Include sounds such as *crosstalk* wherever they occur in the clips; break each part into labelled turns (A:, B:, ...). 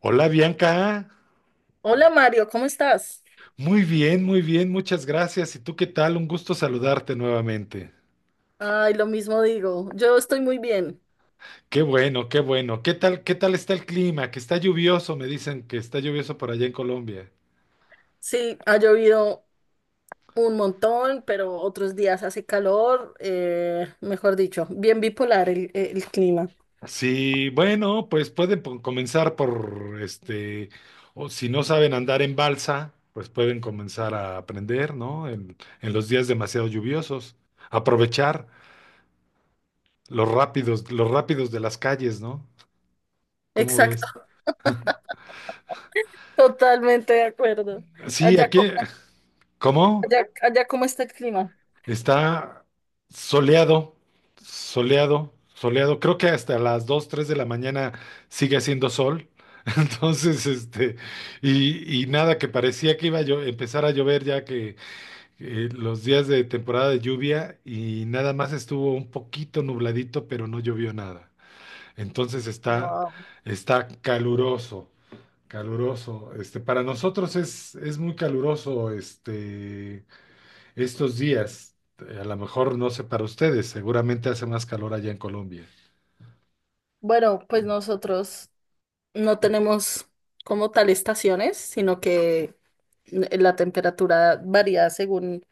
A: Hola Bianca,
B: Hola Mario, ¿cómo estás?
A: muy bien, muchas gracias. ¿Y tú qué tal? Un gusto saludarte nuevamente.
B: Ay, lo mismo digo, yo estoy muy bien.
A: Qué bueno, qué bueno. Qué tal está el clima? Que está lluvioso, me dicen que está lluvioso por allá en Colombia.
B: Sí, ha llovido un montón, pero otros días hace calor, mejor dicho, bien bipolar el clima.
A: Sí, bueno, pues pueden comenzar por o si no saben andar en balsa, pues pueden comenzar a aprender, ¿no? En los días demasiado lluviosos. Aprovechar los rápidos de las calles, ¿no? ¿Cómo ves?
B: Exacto, totalmente de acuerdo.
A: Sí,
B: Allá,
A: aquí, ¿cómo?
B: allá, allá, ¿cómo está el clima?
A: Está soleado, soleado, soleado. Creo que hasta las 2, 3 de la mañana sigue haciendo sol. *laughs* Entonces, y nada, que parecía que iba a empezar a llover ya que los días de temporada de lluvia y nada más estuvo un poquito nubladito, pero no llovió nada. Entonces
B: Wow.
A: está caluroso, caluroso. Para nosotros es muy caluroso. Estos días, a lo mejor no sé para ustedes, seguramente hace más calor allá en Colombia.
B: Bueno, pues nosotros no tenemos como tal estaciones, sino que la temperatura varía según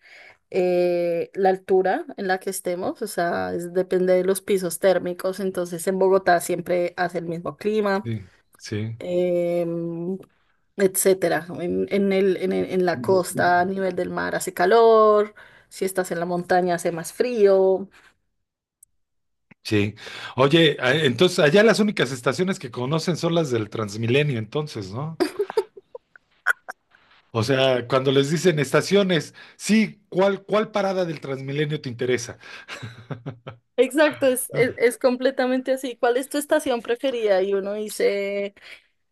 B: la altura en la que estemos, o sea, depende de los pisos térmicos, entonces en Bogotá siempre hace el mismo clima,
A: Sí, sí,
B: em, etcétera. ¿No? En la costa, a nivel del mar, hace calor, si estás en la montaña, hace más frío.
A: sí. Oye, entonces allá las únicas estaciones que conocen son las del Transmilenio, entonces, ¿no? O sea, cuando les dicen estaciones, sí, ¿cuál parada del Transmilenio te interesa?
B: Exacto, es completamente así. ¿Cuál es tu estación preferida? Y uno dice,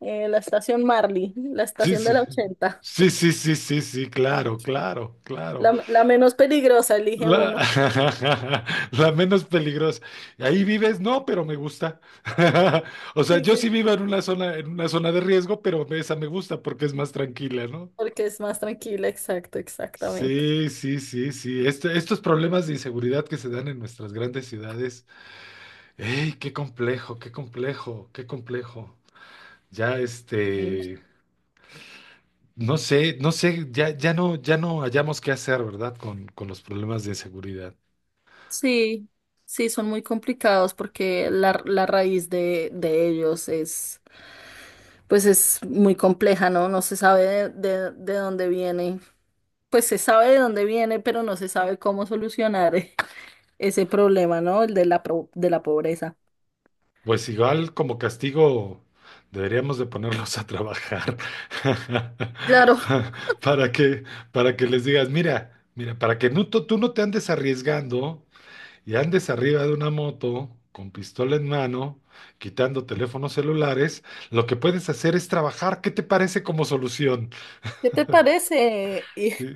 B: la estación Marley, la
A: Sí,
B: estación de
A: sí.
B: la ochenta,
A: Sí, sí, sí, sí, sí, claro, claro, claro.
B: la menos peligrosa, elige
A: La,
B: uno.
A: *laughs* la menos peligrosa. Ahí vives, no, pero me gusta. *laughs* O sea,
B: Sí,
A: yo
B: sí,
A: sí vivo en una zona de riesgo, pero esa me gusta porque es más tranquila, ¿no?
B: porque es más tranquila, exacto, exactamente.
A: Sí, sí, sí, sí. Estos problemas de inseguridad que se dan en nuestras grandes ciudades. ¡Ey, qué complejo, qué complejo, qué complejo! Ya,
B: Sí.
A: no sé, no sé, ya, ya no, ya no hallamos qué hacer, ¿verdad? Con los problemas de inseguridad.
B: Sí, sí, son muy complicados porque la raíz de ellos es, pues es muy compleja, ¿no? No se sabe de dónde viene, pues se sabe de dónde viene, pero no se sabe cómo solucionar ese problema, ¿no? El de la, de la pobreza.
A: Pues igual como castigo deberíamos de ponerlos a trabajar. *laughs*
B: Claro,
A: Pa- para que para que les digas, mira, mira, para que no, tú no te andes arriesgando y andes arriba de una moto con pistola en mano, quitando teléfonos celulares, lo que puedes hacer es trabajar. ¿Qué te parece como solución?
B: ¿qué te parece? Y,
A: Sí.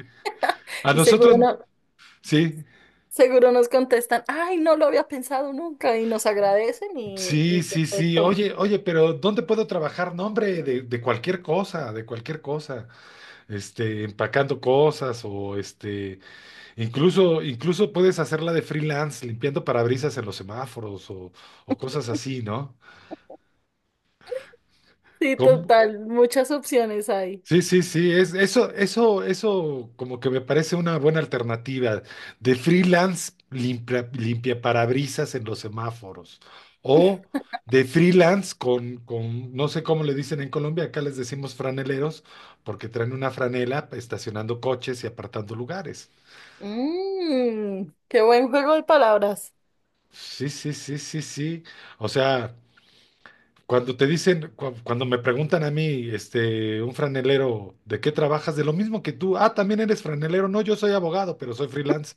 A: A
B: y seguro
A: nosotros,
B: no,
A: sí,
B: seguro nos contestan, ay, no lo había pensado nunca y nos agradecen
A: sí,
B: y
A: sí, sí.
B: perfecto.
A: Oye, oye, pero ¿dónde puedo trabajar? No, hombre, de cualquier cosa, de cualquier cosa. Empacando cosas o incluso, incluso puedes hacerla de freelance, limpiando parabrisas en los semáforos o cosas así, ¿no?
B: Sí,
A: ¿Cómo?
B: total, muchas opciones hay.
A: Sí, sí, sí, eso, eso, eso como que me parece una buena alternativa de freelance limpia parabrisas en los semáforos o de freelance con, no sé cómo le dicen en Colombia, acá les decimos franeleros porque traen una franela estacionando coches y apartando lugares.
B: Mm, qué buen juego de palabras.
A: Sí, sí, sí, sí, sí. O sea, cuando te dicen, cuando me preguntan a mí, un franelero, ¿de qué trabajas? De lo mismo que tú. Ah, también eres franelero. No, yo soy abogado, pero soy freelance.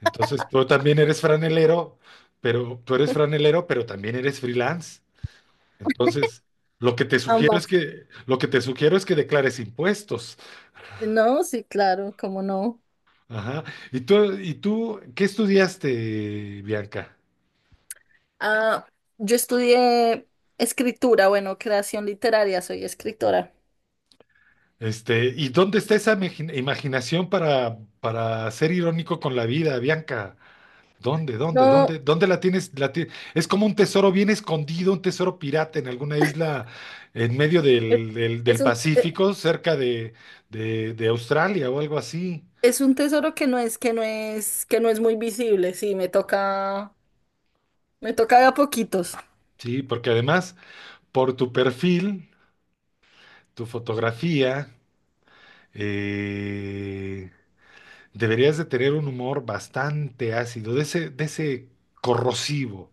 A: Entonces, tú también eres franelero, pero tú eres franelero, pero también eres freelance. Entonces, lo que te sugiero es
B: Ambas.
A: que, lo que te sugiero es que declares impuestos.
B: No, sí, claro, cómo no.
A: Ajá. Y tú, qué estudiaste, Bianca?
B: Ah, yo estudié escritura, bueno, creación literaria, soy escritora.
A: ¿Y dónde está esa imaginación para ser irónico con la vida, Bianca? ¿Dónde, dónde,
B: No,
A: dónde, dónde la tienes? Es como un tesoro bien escondido, un tesoro pirata en alguna isla en medio
B: es, es
A: del
B: un...
A: Pacífico, cerca de Australia o algo así.
B: es un tesoro que no es, que no es, que no es muy visible, sí, me toca de a poquitos. *laughs*
A: Sí, porque además, por tu perfil, tu fotografía, eh, deberías de tener un humor bastante ácido, de ese corrosivo.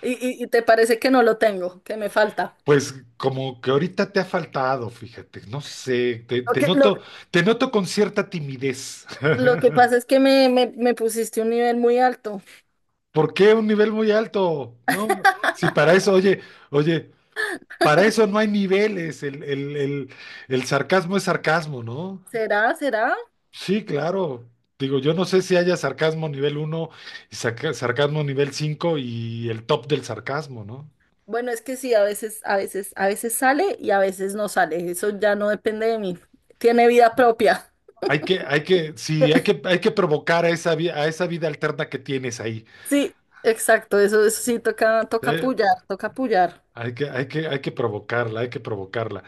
B: Y te parece que no lo tengo, que me falta.
A: Pues como que ahorita te ha faltado, fíjate, no sé,
B: Lo que, lo,
A: te noto con cierta timidez.
B: lo
A: *laughs*
B: que pasa es que me pusiste un nivel muy alto.
A: ¿Por qué un nivel muy alto? No, si para eso, oye, oye, para eso no hay niveles, el sarcasmo es sarcasmo, ¿no?
B: ¿Será? ¿Será?
A: Sí, claro. Digo, yo no sé si haya sarcasmo nivel uno y sarcasmo nivel 5 y el top del sarcasmo, ¿no?
B: Bueno, es que sí, a veces, a veces, a veces sale y a veces no sale. Eso ya no depende de mí. Tiene vida propia.
A: Hay que, sí, hay que provocar a esa, a esa vida alterna que tienes ahí.
B: Sí, exacto. Eso sí toca, toca
A: Eh,
B: apoyar, toca apoyar.
A: Hay que, hay que, hay que provocarla, hay que provocarla.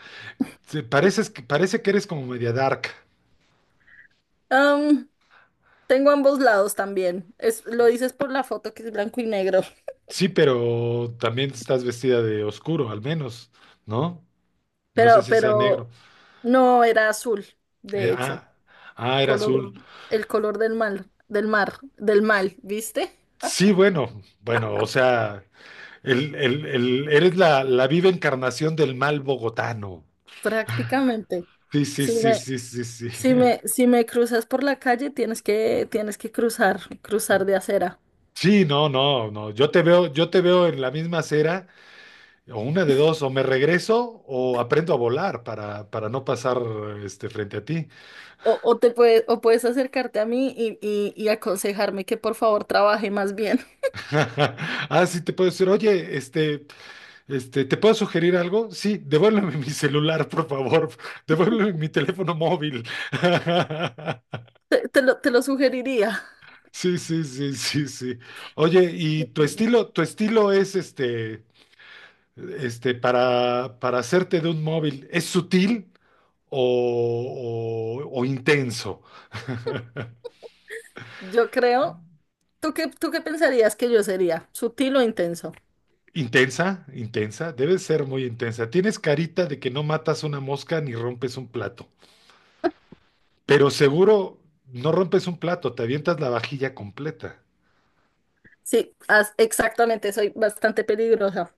A: Sí, pareces, parece que eres como media dark.
B: Am, tengo ambos lados también. Es, lo dices por la foto que es blanco y negro.
A: Sí, pero también estás vestida de oscuro, al menos, ¿no?
B: *laughs*
A: No sé si sea negro.
B: Pero no era azul,
A: Eh,
B: de hecho.
A: ah, ah, era
B: Color,
A: azul.
B: el color del mar, del mar, del mal, ¿viste?
A: Sí, bueno, bueno, o sea, eres la viva encarnación del mal bogotano.
B: Prácticamente.
A: Sí, sí,
B: Sí,
A: sí,
B: me,
A: sí, sí, sí.
B: Si me,
A: *laughs*
B: si me cruzas por la calle, tienes que cruzar, cruzar de acera.
A: Sí, no, no, no. Yo te veo en la misma acera. O una de dos, o me regreso o aprendo a volar para no pasar frente a ti.
B: O te puedes, o puedes acercarte a mí y, y aconsejarme que por favor trabaje más bien. *laughs*
A: *laughs* Ah, sí, te puedo decir, oye, ¿te puedo sugerir algo? Sí, devuélveme *laughs* mi celular, por favor. *laughs* Devuélveme mi teléfono móvil. *laughs*
B: Te lo sugeriría.
A: Sí, sí, sí, sí, sí. Oye, ¿y tu estilo es para hacerte de un móvil, es sutil o intenso?
B: Yo creo. Tú qué pensarías que yo sería? ¿Sutil o intenso?
A: Intensa, intensa, debe ser muy intensa. Tienes carita de que no matas una mosca ni rompes un plato, pero seguro no rompes un plato, te avientas la vajilla completa.
B: Sí, exactamente, soy bastante peligrosa.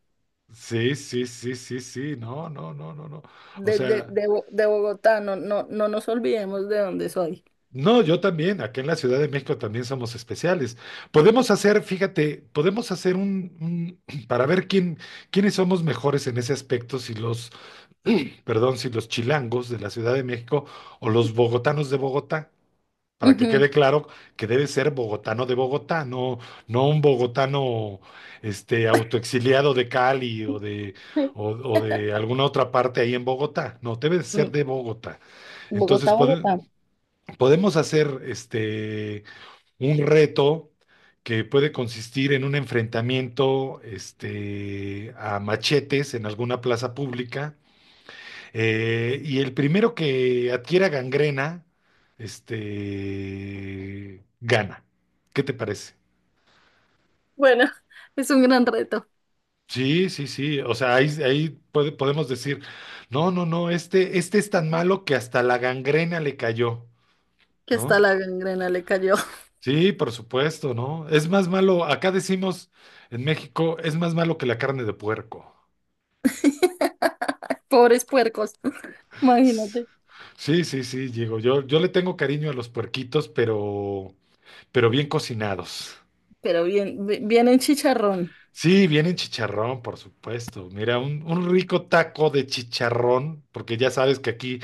A: Sí, sí, sí, sí, sí, no, no, no, no, no. O sea,
B: De Bogotá, no, no, no nos olvidemos de dónde soy.
A: no, yo también, acá en la Ciudad de México también somos especiales. Podemos hacer, fíjate, podemos hacer *clears throat* para ver quiénes somos mejores en ese aspecto, si *clears throat* perdón, si los chilangos de la Ciudad de México o los bogotanos de Bogotá, para que
B: Ujú.
A: quede claro que debe ser bogotano de Bogotá, no, no un bogotano autoexiliado de Cali
B: *laughs*
A: o de alguna otra parte ahí en Bogotá, no, debe ser
B: Mm,
A: de Bogotá. Entonces
B: Bogotá, Bogotá.
A: podemos hacer un reto que puede consistir en un enfrentamiento a machetes en alguna plaza pública, y el primero que adquiera gangrena, gana. ¿Qué te parece?
B: Bueno, *laughs* es un gran reto.
A: Sí, sí, sí. O sea, ahí, ahí podemos decir, no, no, no, este es tan malo que hasta la gangrena le cayó,
B: Que
A: ¿no?
B: hasta la gangrena le cayó.
A: Sí, por supuesto, ¿no? Es más malo, acá decimos en México, es más malo que la carne de puerco.
B: *laughs* Pobres puercos, imagínate.
A: Sí, sí, sí, Diego. Yo le tengo cariño a los puerquitos, pero bien cocinados.
B: Pero bien, bien en chicharrón.
A: Sí, viene en chicharrón, por supuesto. Mira, un rico taco de chicharrón, porque ya sabes que aquí,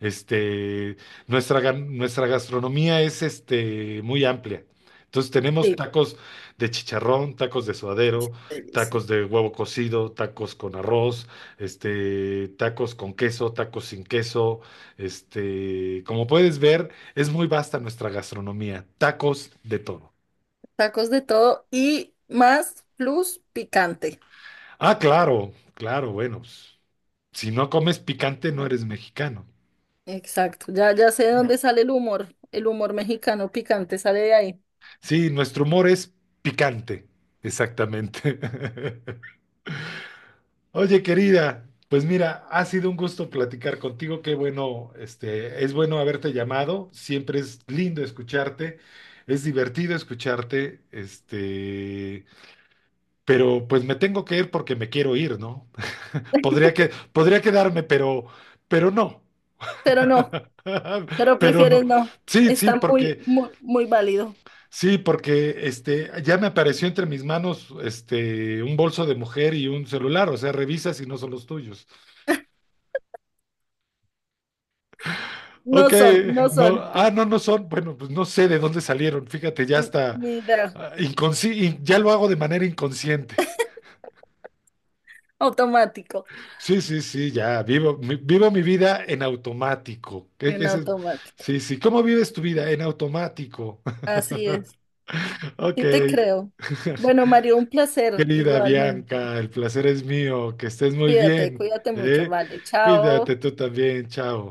A: este, nuestra gastronomía es muy amplia. Entonces tenemos
B: Sí,
A: tacos de chicharrón, tacos de suadero,
B: delicia.
A: tacos de huevo cocido, tacos con arroz, tacos con queso, tacos sin queso. Como puedes ver, es muy vasta nuestra gastronomía. Tacos de todo.
B: Tacos de todo y más plus picante.
A: Ah, claro, claro, bueno, pues, si no comes picante, no eres mexicano.
B: Exacto, ya, ya sé de dónde sale el humor. El humor mexicano picante sale de ahí.
A: Sí, nuestro humor es picante, exactamente. *laughs* Oye, querida, pues mira, ha sido un gusto platicar contigo. Qué bueno, es bueno haberte llamado. Siempre es lindo escucharte. Es divertido escucharte, pero pues me tengo que ir porque me quiero ir, ¿no? *laughs* Podría quedarme, pero no.
B: Pero no,
A: *laughs*
B: pero
A: Pero no.
B: prefieres no.
A: Sí, sí,
B: Está
A: porque,
B: muy, muy, muy válido.
A: sí, porque ya me apareció entre mis manos un bolso de mujer y un celular, o sea, revisa si no son los tuyos.
B: No
A: Ok,
B: son, no
A: no,
B: son.
A: ah, no, no son, bueno, pues no sé de dónde salieron, fíjate, ya
B: Ni
A: está,
B: ni idea.
A: y ya lo hago de manera inconsciente.
B: Automático.
A: Sí, sí, sí, ya, vivo mi vida en automático. ¿Qué
B: En
A: es eso?
B: automático.
A: Sí, sí, ¿cómo vives tu vida? En automático.
B: Así es.
A: *laughs* Ok.
B: Sí te creo.
A: *laughs*
B: Bueno, Mario, un placer
A: Querida
B: igualmente.
A: Bianca, el placer es mío, que estés muy
B: Cuídate,
A: bien,
B: cuídate mucho.
A: ¿eh?
B: Vale,
A: Cuídate
B: chao.
A: tú también, chao.